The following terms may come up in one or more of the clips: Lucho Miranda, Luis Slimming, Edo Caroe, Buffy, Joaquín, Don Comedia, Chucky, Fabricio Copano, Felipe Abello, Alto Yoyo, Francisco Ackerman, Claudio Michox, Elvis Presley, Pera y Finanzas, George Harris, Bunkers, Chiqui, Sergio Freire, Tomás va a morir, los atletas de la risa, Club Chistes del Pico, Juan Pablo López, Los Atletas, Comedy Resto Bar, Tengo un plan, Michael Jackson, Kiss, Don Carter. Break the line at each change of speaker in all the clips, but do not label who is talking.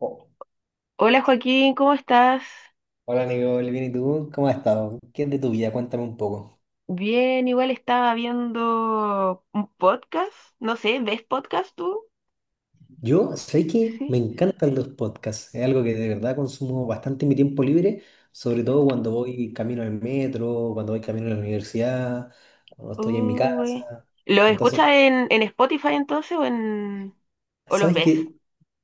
Oh,
Hola Joaquín, ¿cómo estás?
hola Nicole, bien, ¿y tú? ¿Cómo has estado? ¿Qué es de tu vida? Cuéntame un poco.
Bien, igual estaba viendo un podcast, no sé, ¿ves podcast tú?
Yo sé que me
Sí.
encantan los podcasts, es algo que de verdad consumo bastante en mi tiempo libre, sobre todo cuando voy camino al metro, cuando voy camino a la universidad, cuando estoy en mi
Uy.
casa.
¿Lo escuchas
Entonces,
en Spotify entonces o en o los
¿sabes
ves?
qué?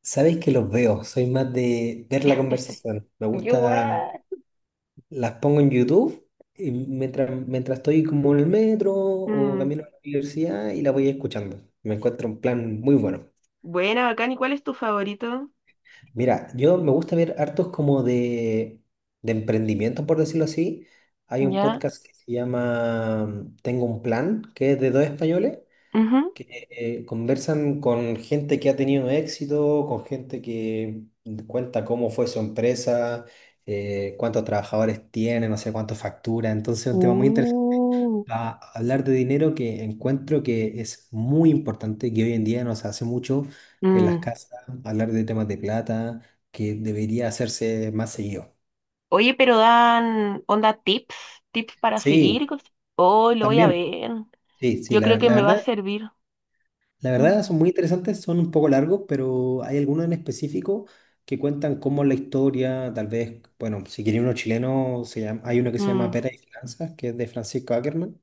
¿Sabes que los veo? Soy más de ver la conversación. Me
Yo
gusta,
igual.
las pongo en YouTube y mientras estoy como en el metro o
Mm,
camino a la universidad y la voy escuchando. Me encuentro un plan muy bueno.
buena, bacán, ¿y cuál es tu favorito?
Mira, yo me gusta ver hartos como de emprendimiento, por decirlo así. Hay un
Ya.
podcast que se llama Tengo un Plan, que es de dos españoles,
Ujú.
que conversan con gente que ha tenido éxito, con gente que cuenta cómo fue su empresa, cuántos trabajadores tiene, no sé cuánto factura. Entonces es un tema muy interesante
Uh.
a hablar de dinero que encuentro que es muy importante, que hoy en día no se hace mucho en las
Mm.
casas, hablar de temas de plata, que debería hacerse más seguido.
Oye, pero dan onda tips, tips para seguir y
Sí,
cosas. Oh, lo voy a
también.
ver.
Sí, sí,
Yo creo que me va a servir.
la
Mm.
verdad son muy interesantes, son un poco largos, pero hay algunos en específico que cuentan cómo la historia, tal vez, bueno, si quiere uno chileno, hay uno que se llama
Mm.
Pera y Finanzas, que es de Francisco Ackerman,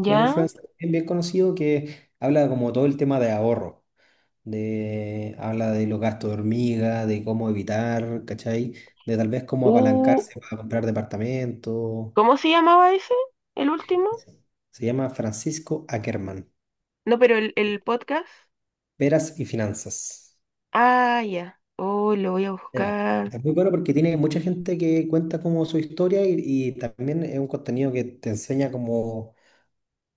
que es un influencer bien conocido que habla como todo el tema de ahorro. De, habla de los gastos de hormiga, de cómo evitar, ¿cachai? De tal vez cómo
Uh,
apalancarse para comprar departamentos.
¿Cómo se llamaba ese? ¿El último?
Se llama Francisco Ackerman,
No, pero el podcast.
Peras y Finanzas.
Ah, ya. Oh, lo voy a
Mira,
buscar.
es muy bueno porque tiene mucha gente que cuenta como su historia y también es un contenido que te enseña como,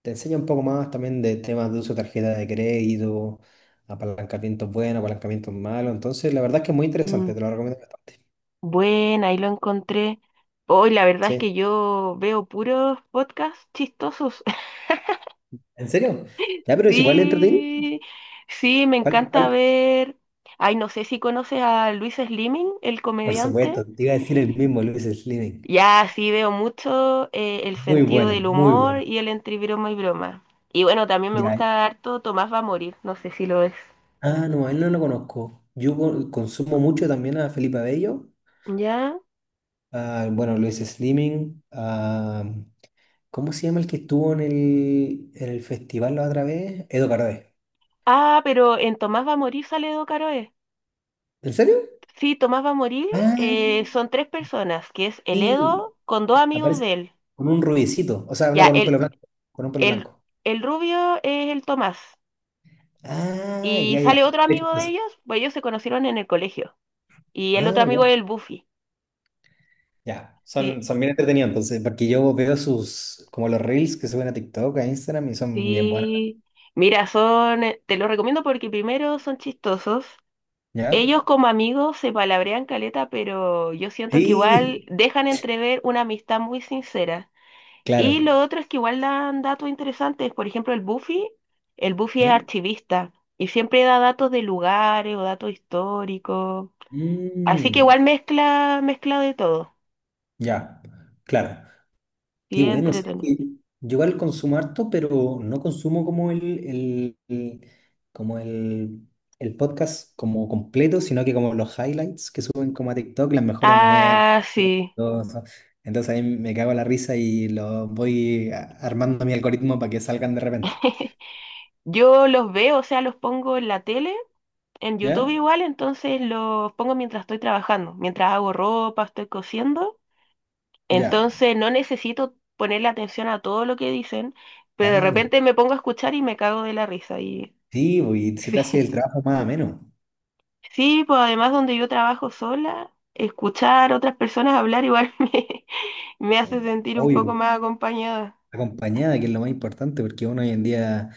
te enseña un poco más también de temas de uso de tarjeta de crédito, apalancamientos buenos, apalancamientos malos. Entonces, la verdad es que es muy interesante,
Mm,
te lo recomiendo bastante.
bueno, ahí lo encontré. Hoy la verdad es que
Sí.
yo veo puros podcasts chistosos.
¿En serio? Ya, pero es igual de entretenido.
Sí, sí, me
¿Cuál,
encanta
cuál?
ver. Ay, no sé si conoces a Luis Slimming, el
Por
comediante.
supuesto, te iba a decir el mismo, Luis Slimming.
Ya sí veo mucho el
Muy
sentido
bueno,
del
muy
humor
bueno.
y el entre broma y broma. Y bueno, también me
Ya.
gusta harto Tomás va a morir, no sé si lo es.
Ah, no, a él no lo conozco. Yo consumo mucho también a Felipe Abello,
Ya.
a, bueno, Luis Slimming, a, ¿cómo se llama el que estuvo en el festival la otra vez? Edo Caroe.
Ah, pero en Tomás va a morir sale Edo Caroe.
¿En serio?
Sí, Tomás va a morir
Ah,
son tres personas, que es el
sí.
Edo con dos amigos
Aparece
de él.
con un rubiecito, o sea, no
Ya,
con un pelo blanco, con un pelo
el,
blanco.
el rubio es el Tomás.
Ah,
Y
ya, ya.
sale
Él
otro
es
amigo de
chistoso.
ellos, pues ellos se conocieron en el colegio. Y el otro
Ah,
amigo
ya.
es el Buffy.
Ya, son,
Sí.
son bien entretenidos, entonces, porque yo veo sus, como los reels que suben a TikTok, a Instagram, y son bien buenos,
Sí, mira, son, te los recomiendo porque primero son chistosos.
¿ya?
Ellos como amigos se palabrean caleta, pero yo siento que igual
Sí,
dejan entrever una amistad muy sincera. Y
claro,
lo otro es que igual dan datos interesantes. Por ejemplo, el Buffy es
¿ya?
archivista y siempre da datos de lugares o datos históricos. Así que
Mm,
igual mezcla, mezcla de todo.
ya, claro. Qué
Sí,
bueno, sé
entretenido.
que yo igual consumo harto, pero no consumo como el- el- como el, el podcast como completo, sino que como los highlights que suben como a TikTok, los mejores momentos.
Ah, sí.
Todo eso. Entonces ahí me cago en la risa y lo armando mi algoritmo para que salgan de repente.
Yo los veo, o sea, los pongo en la tele, en YouTube
¿Ya?
igual, entonces los pongo mientras estoy trabajando, mientras hago ropa, estoy cosiendo.
Ya.
Entonces no necesito ponerle atención a todo lo que dicen, pero de
Claro.
repente me pongo a escuchar y me cago de la risa. Y
Sí, bo, y se te
sí,
hace el trabajo más ameno.
sí, pues además donde yo trabajo sola, escuchar a otras personas hablar igual me hace sentir un poco
Obvio.
más. Mm. Acompañada.
Acompañada, que es lo más importante, porque uno hoy en día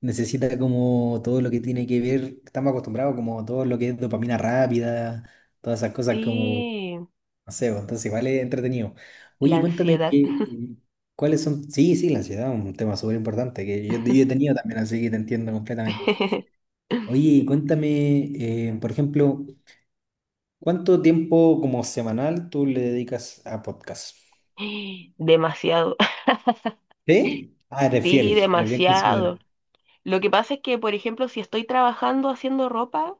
necesita como todo lo que tiene que ver, estamos acostumbrados como todo lo que es dopamina rápida, todas esas cosas como,
Sí,
no sé, bueno, entonces igual es entretenido.
la
Oye, cuéntame
ansiedad.
que, cuáles son, sí, sí, la ansiedad, un tema súper importante que yo he tenido también, así que te entiendo completamente. Oye, cuéntame, por ejemplo, ¿cuánto tiempo como semanal tú le dedicas a podcast?
Demasiado.
¿Sí? Ah, eres
Sí,
fiel, eres bien
demasiado.
considerada,
Lo que pasa es que, por ejemplo, si estoy trabajando haciendo ropa,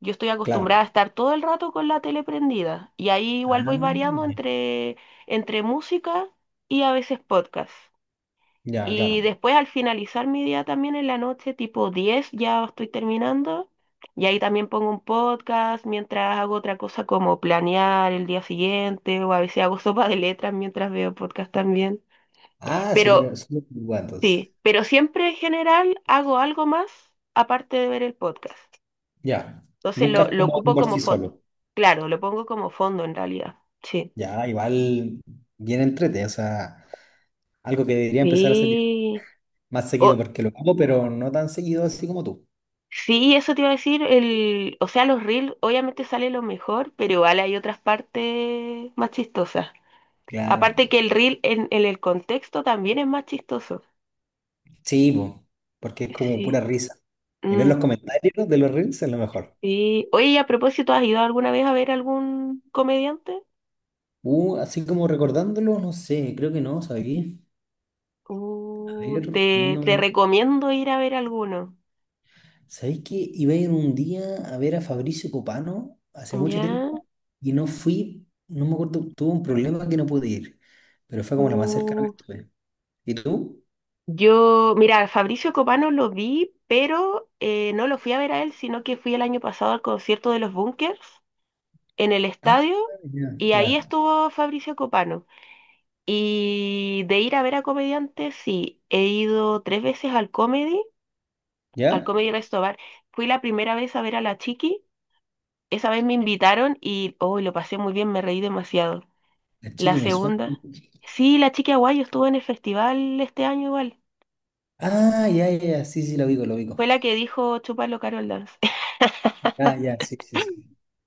yo estoy
claro.
acostumbrada a estar todo el rato con la tele prendida. Y ahí igual
Ah,
voy variando entre, entre música y a veces podcast.
ya,
Y
claro.
después al finalizar mi día también en la noche, tipo 10 ya estoy terminando. Y ahí también pongo un podcast mientras hago otra cosa como planear el día siguiente o a veces hago sopa de letras mientras veo podcast también.
Ah,
Pero
súper, súper, bueno, entonces.
sí, pero siempre en general hago algo más aparte de ver el podcast.
Ya,
Entonces
nunca es
lo
cómodo
ocupo
por
como
sí
fondo.
solo.
Claro, lo pongo como fondo en realidad. Sí.
Ya, igual bien entrete, o sea, algo que debería empezar a hacer
Sí.
más seguido
O,
porque lo hago, pero no tan seguido así como tú.
sí, eso te iba a decir. El, o sea, los reels obviamente sale lo mejor, pero igual hay otras partes más chistosas.
Claro,
Aparte que el reel en el contexto también es más chistoso.
sí, po, porque es como
Sí.
pura risa. Y ver
Mm,
los comentarios de los reels es lo mejor.
sí. Oye, y a propósito, ¿has ido alguna vez a ver algún comediante?
Así como recordándolo, no sé, creo que no, sabéis. A ver,
Te
poniéndome.
recomiendo ir a ver alguno.
¿Sabéis que iba a ir un día a ver a Fabricio Copano hace mucho
¿Ya?
tiempo y no fui, no me acuerdo, tuve un problema que no pude ir, pero fue como lo más cercano que
Uh,
estuve. ¿Y tú?
yo, mira, Fabricio Copano lo vi, pero no lo fui a ver a él, sino que fui el año pasado al concierto de los Bunkers en el
Ah,
estadio
ya,
y ahí
ya.
estuvo Fabricio Copano. Y de ir a ver a comediantes, sí, he ido tres veces al
¿Ya?
Comedy Resto Bar. Fui la primera vez a ver a la Chiqui, esa vez me invitaron y oh, lo pasé muy bien, me reí demasiado.
La
La
Chiqui me suena.
segunda. Sí, la chica guayo estuvo en el festival este año igual.
Ah, ya, ya, ya, sí, sí, lo ubico, lo ubico.
Fue la que dijo Chúpalo Carol Dance.
Ah, ya, sí, sí, sí.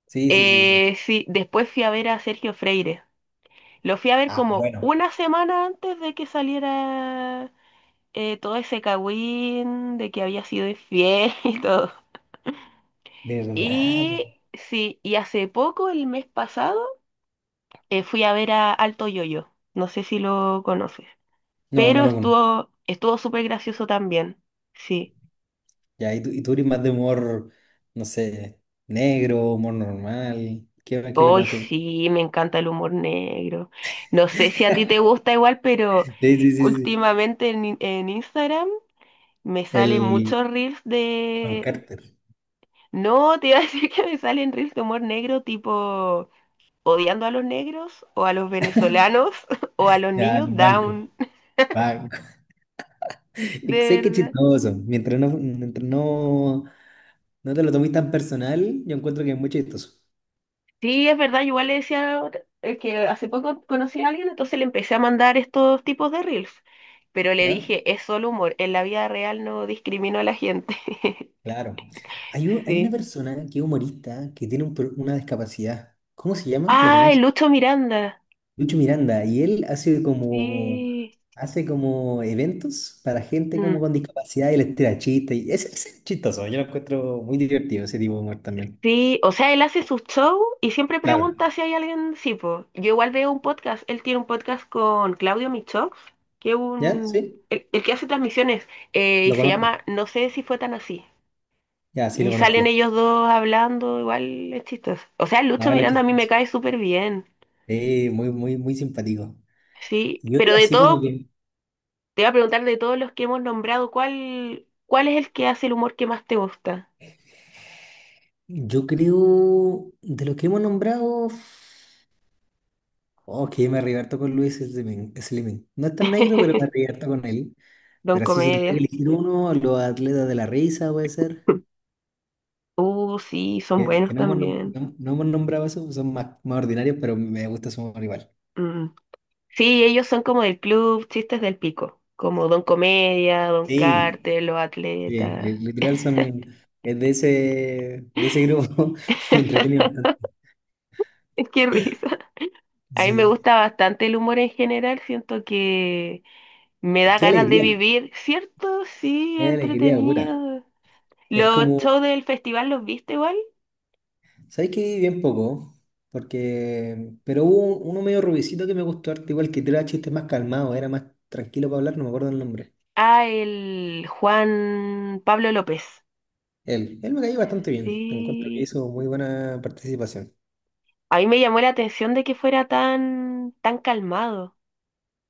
Sí, sí, sí, sí.
Sí, después fui a ver a Sergio Freire. Lo fui a ver
Ah,
como
bueno,
una semana antes de que saliera todo ese cagüín de que había sido infiel y todo.
¿verdad? Po.
Y sí, y hace poco, el mes pasado, fui a ver a Alto Yoyo. No sé si lo conoces.
No, no
Pero
lo conozco.
estuvo, estuvo súper gracioso también. Sí.
Ya, y tú eres más de humor, no sé, negro, humor normal. ¿Qué es lo que
Hoy
más te gusta?
sí, me encanta el humor negro. No sé si a ti te gusta igual, pero
Sí, sí, sí, sí.
últimamente en, en Instagram me salen
El
muchos reels
Don
de...
Carter.
No, te iba a decir que me salen reels de humor negro tipo odiando a los negros o a los venezolanos o a los
Ya,
niños
el banco.
down.
Banco. Sé
De
que es
verdad.
chistoso. Mientras no, no te lo tomes tan personal, yo encuentro que es muy chistoso.
Sí, es verdad, igual le decía que hace poco conocí a alguien, entonces le empecé a mandar estos tipos de reels, pero le
¿Ya?
dije, es solo humor, en la vida real no discrimino a la gente.
Claro. Hay, hay una
Sí.
persona que es humorista que tiene una discapacidad. ¿Cómo se llama? ¿Lo
¡Ay,
conoces?
Lucho Miranda!
Lucho Miranda. Y él
Sí.
hace como eventos para gente como
Mm,
con discapacidad y les tira chistes. Y es chistoso. Yo lo encuentro muy divertido ese tipo de humor también.
sí, o sea, él hace su show y siempre
Claro.
pregunta si hay alguien, sí, po. Yo igual veo un podcast, él tiene un podcast con Claudio Michox, que es
¿Ya?
un,
¿Sí?
el que hace transmisiones, y
Lo
se
conozco.
llama No sé si fue tan así.
Ya, sí lo
Y
conozco.
salen
Lo...
ellos dos hablando, igual es chistoso. O sea,
No,
Lucho
vale,
Miranda a mí me
chistoso.
cae súper bien.
Sí, muy, muy, muy simpático.
Sí,
Y
pero
otro
de
así como
todo,
que
te voy a preguntar de todos los que hemos nombrado, ¿cuál es el que hace el humor que más te gusta?
yo creo de los que hemos nombrado. Ok, me arrebato con Luis Slimen. Slimen. No es tan negro, pero me arrebato con él.
Don
Pero así, si tuviera que
Comedia.
elegir uno, los Atletas de la Risa puede ser.
Sí, son
Que
buenos
no hemos,
también.
no hemos nombrado eso, son más, más ordinarios, pero me gusta su humor igual.
Mm. Sí, ellos son como del club Chistes del Pico, como Don Comedia, Don
Sí.
Carter, Los
Sí,
Atletas.
literal son es de de ese grupo. Me entretiene bastante.
Qué risa. A mí me
Sí.
gusta bastante el humor en general, siento que me da
Qué
ganas de
alegría,
vivir, ¿cierto? Sí,
qué alegría pura.
entretenido.
Es
Los
como
shows del festival los viste igual.
¿sabes qué? Bien poco, porque... pero hubo uno medio rubicito que me gustó harto, igual que era chiste más calmado, era más tranquilo para hablar, no me acuerdo el nombre.
Ah, el Juan Pablo López.
Él me cayó bastante bien, encuentro que
Sí.
hizo muy buena participación,
A mí me llamó la atención de que fuera tan, tan calmado.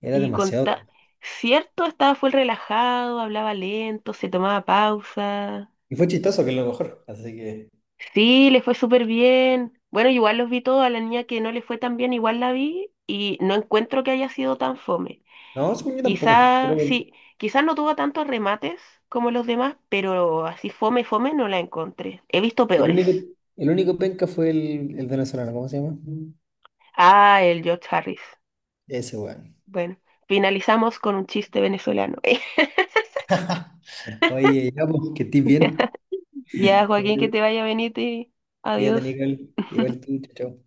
era
Y con
demasiado
ta-
calmado.
Cierto, estaba full relajado, hablaba lento, se tomaba pausa.
Y fue chistoso, que es lo mejor. Así que.
Sí, le fue súper bien. Bueno, igual los vi todos, a la niña que no le fue tan bien, igual la vi y no encuentro que haya sido tan fome.
No, según yo tampoco, pero
Quizás,
que
sí, quizás no tuvo tantos remates como los demás, pero así fome, fome no la encontré. He visto
sí,
peores.
el único penca fue el venezolano, ¿cómo se llama?
Ah, el George Harris.
Ese weón.
Bueno, finalizamos con un chiste venezolano.
Oye, ya, pues, que estés bien.
Ya, Joaquín, que te
Cuídate,
vaya a venir.
cuídate,
Adiós.
Nicole. Igual tú, chao. Chao.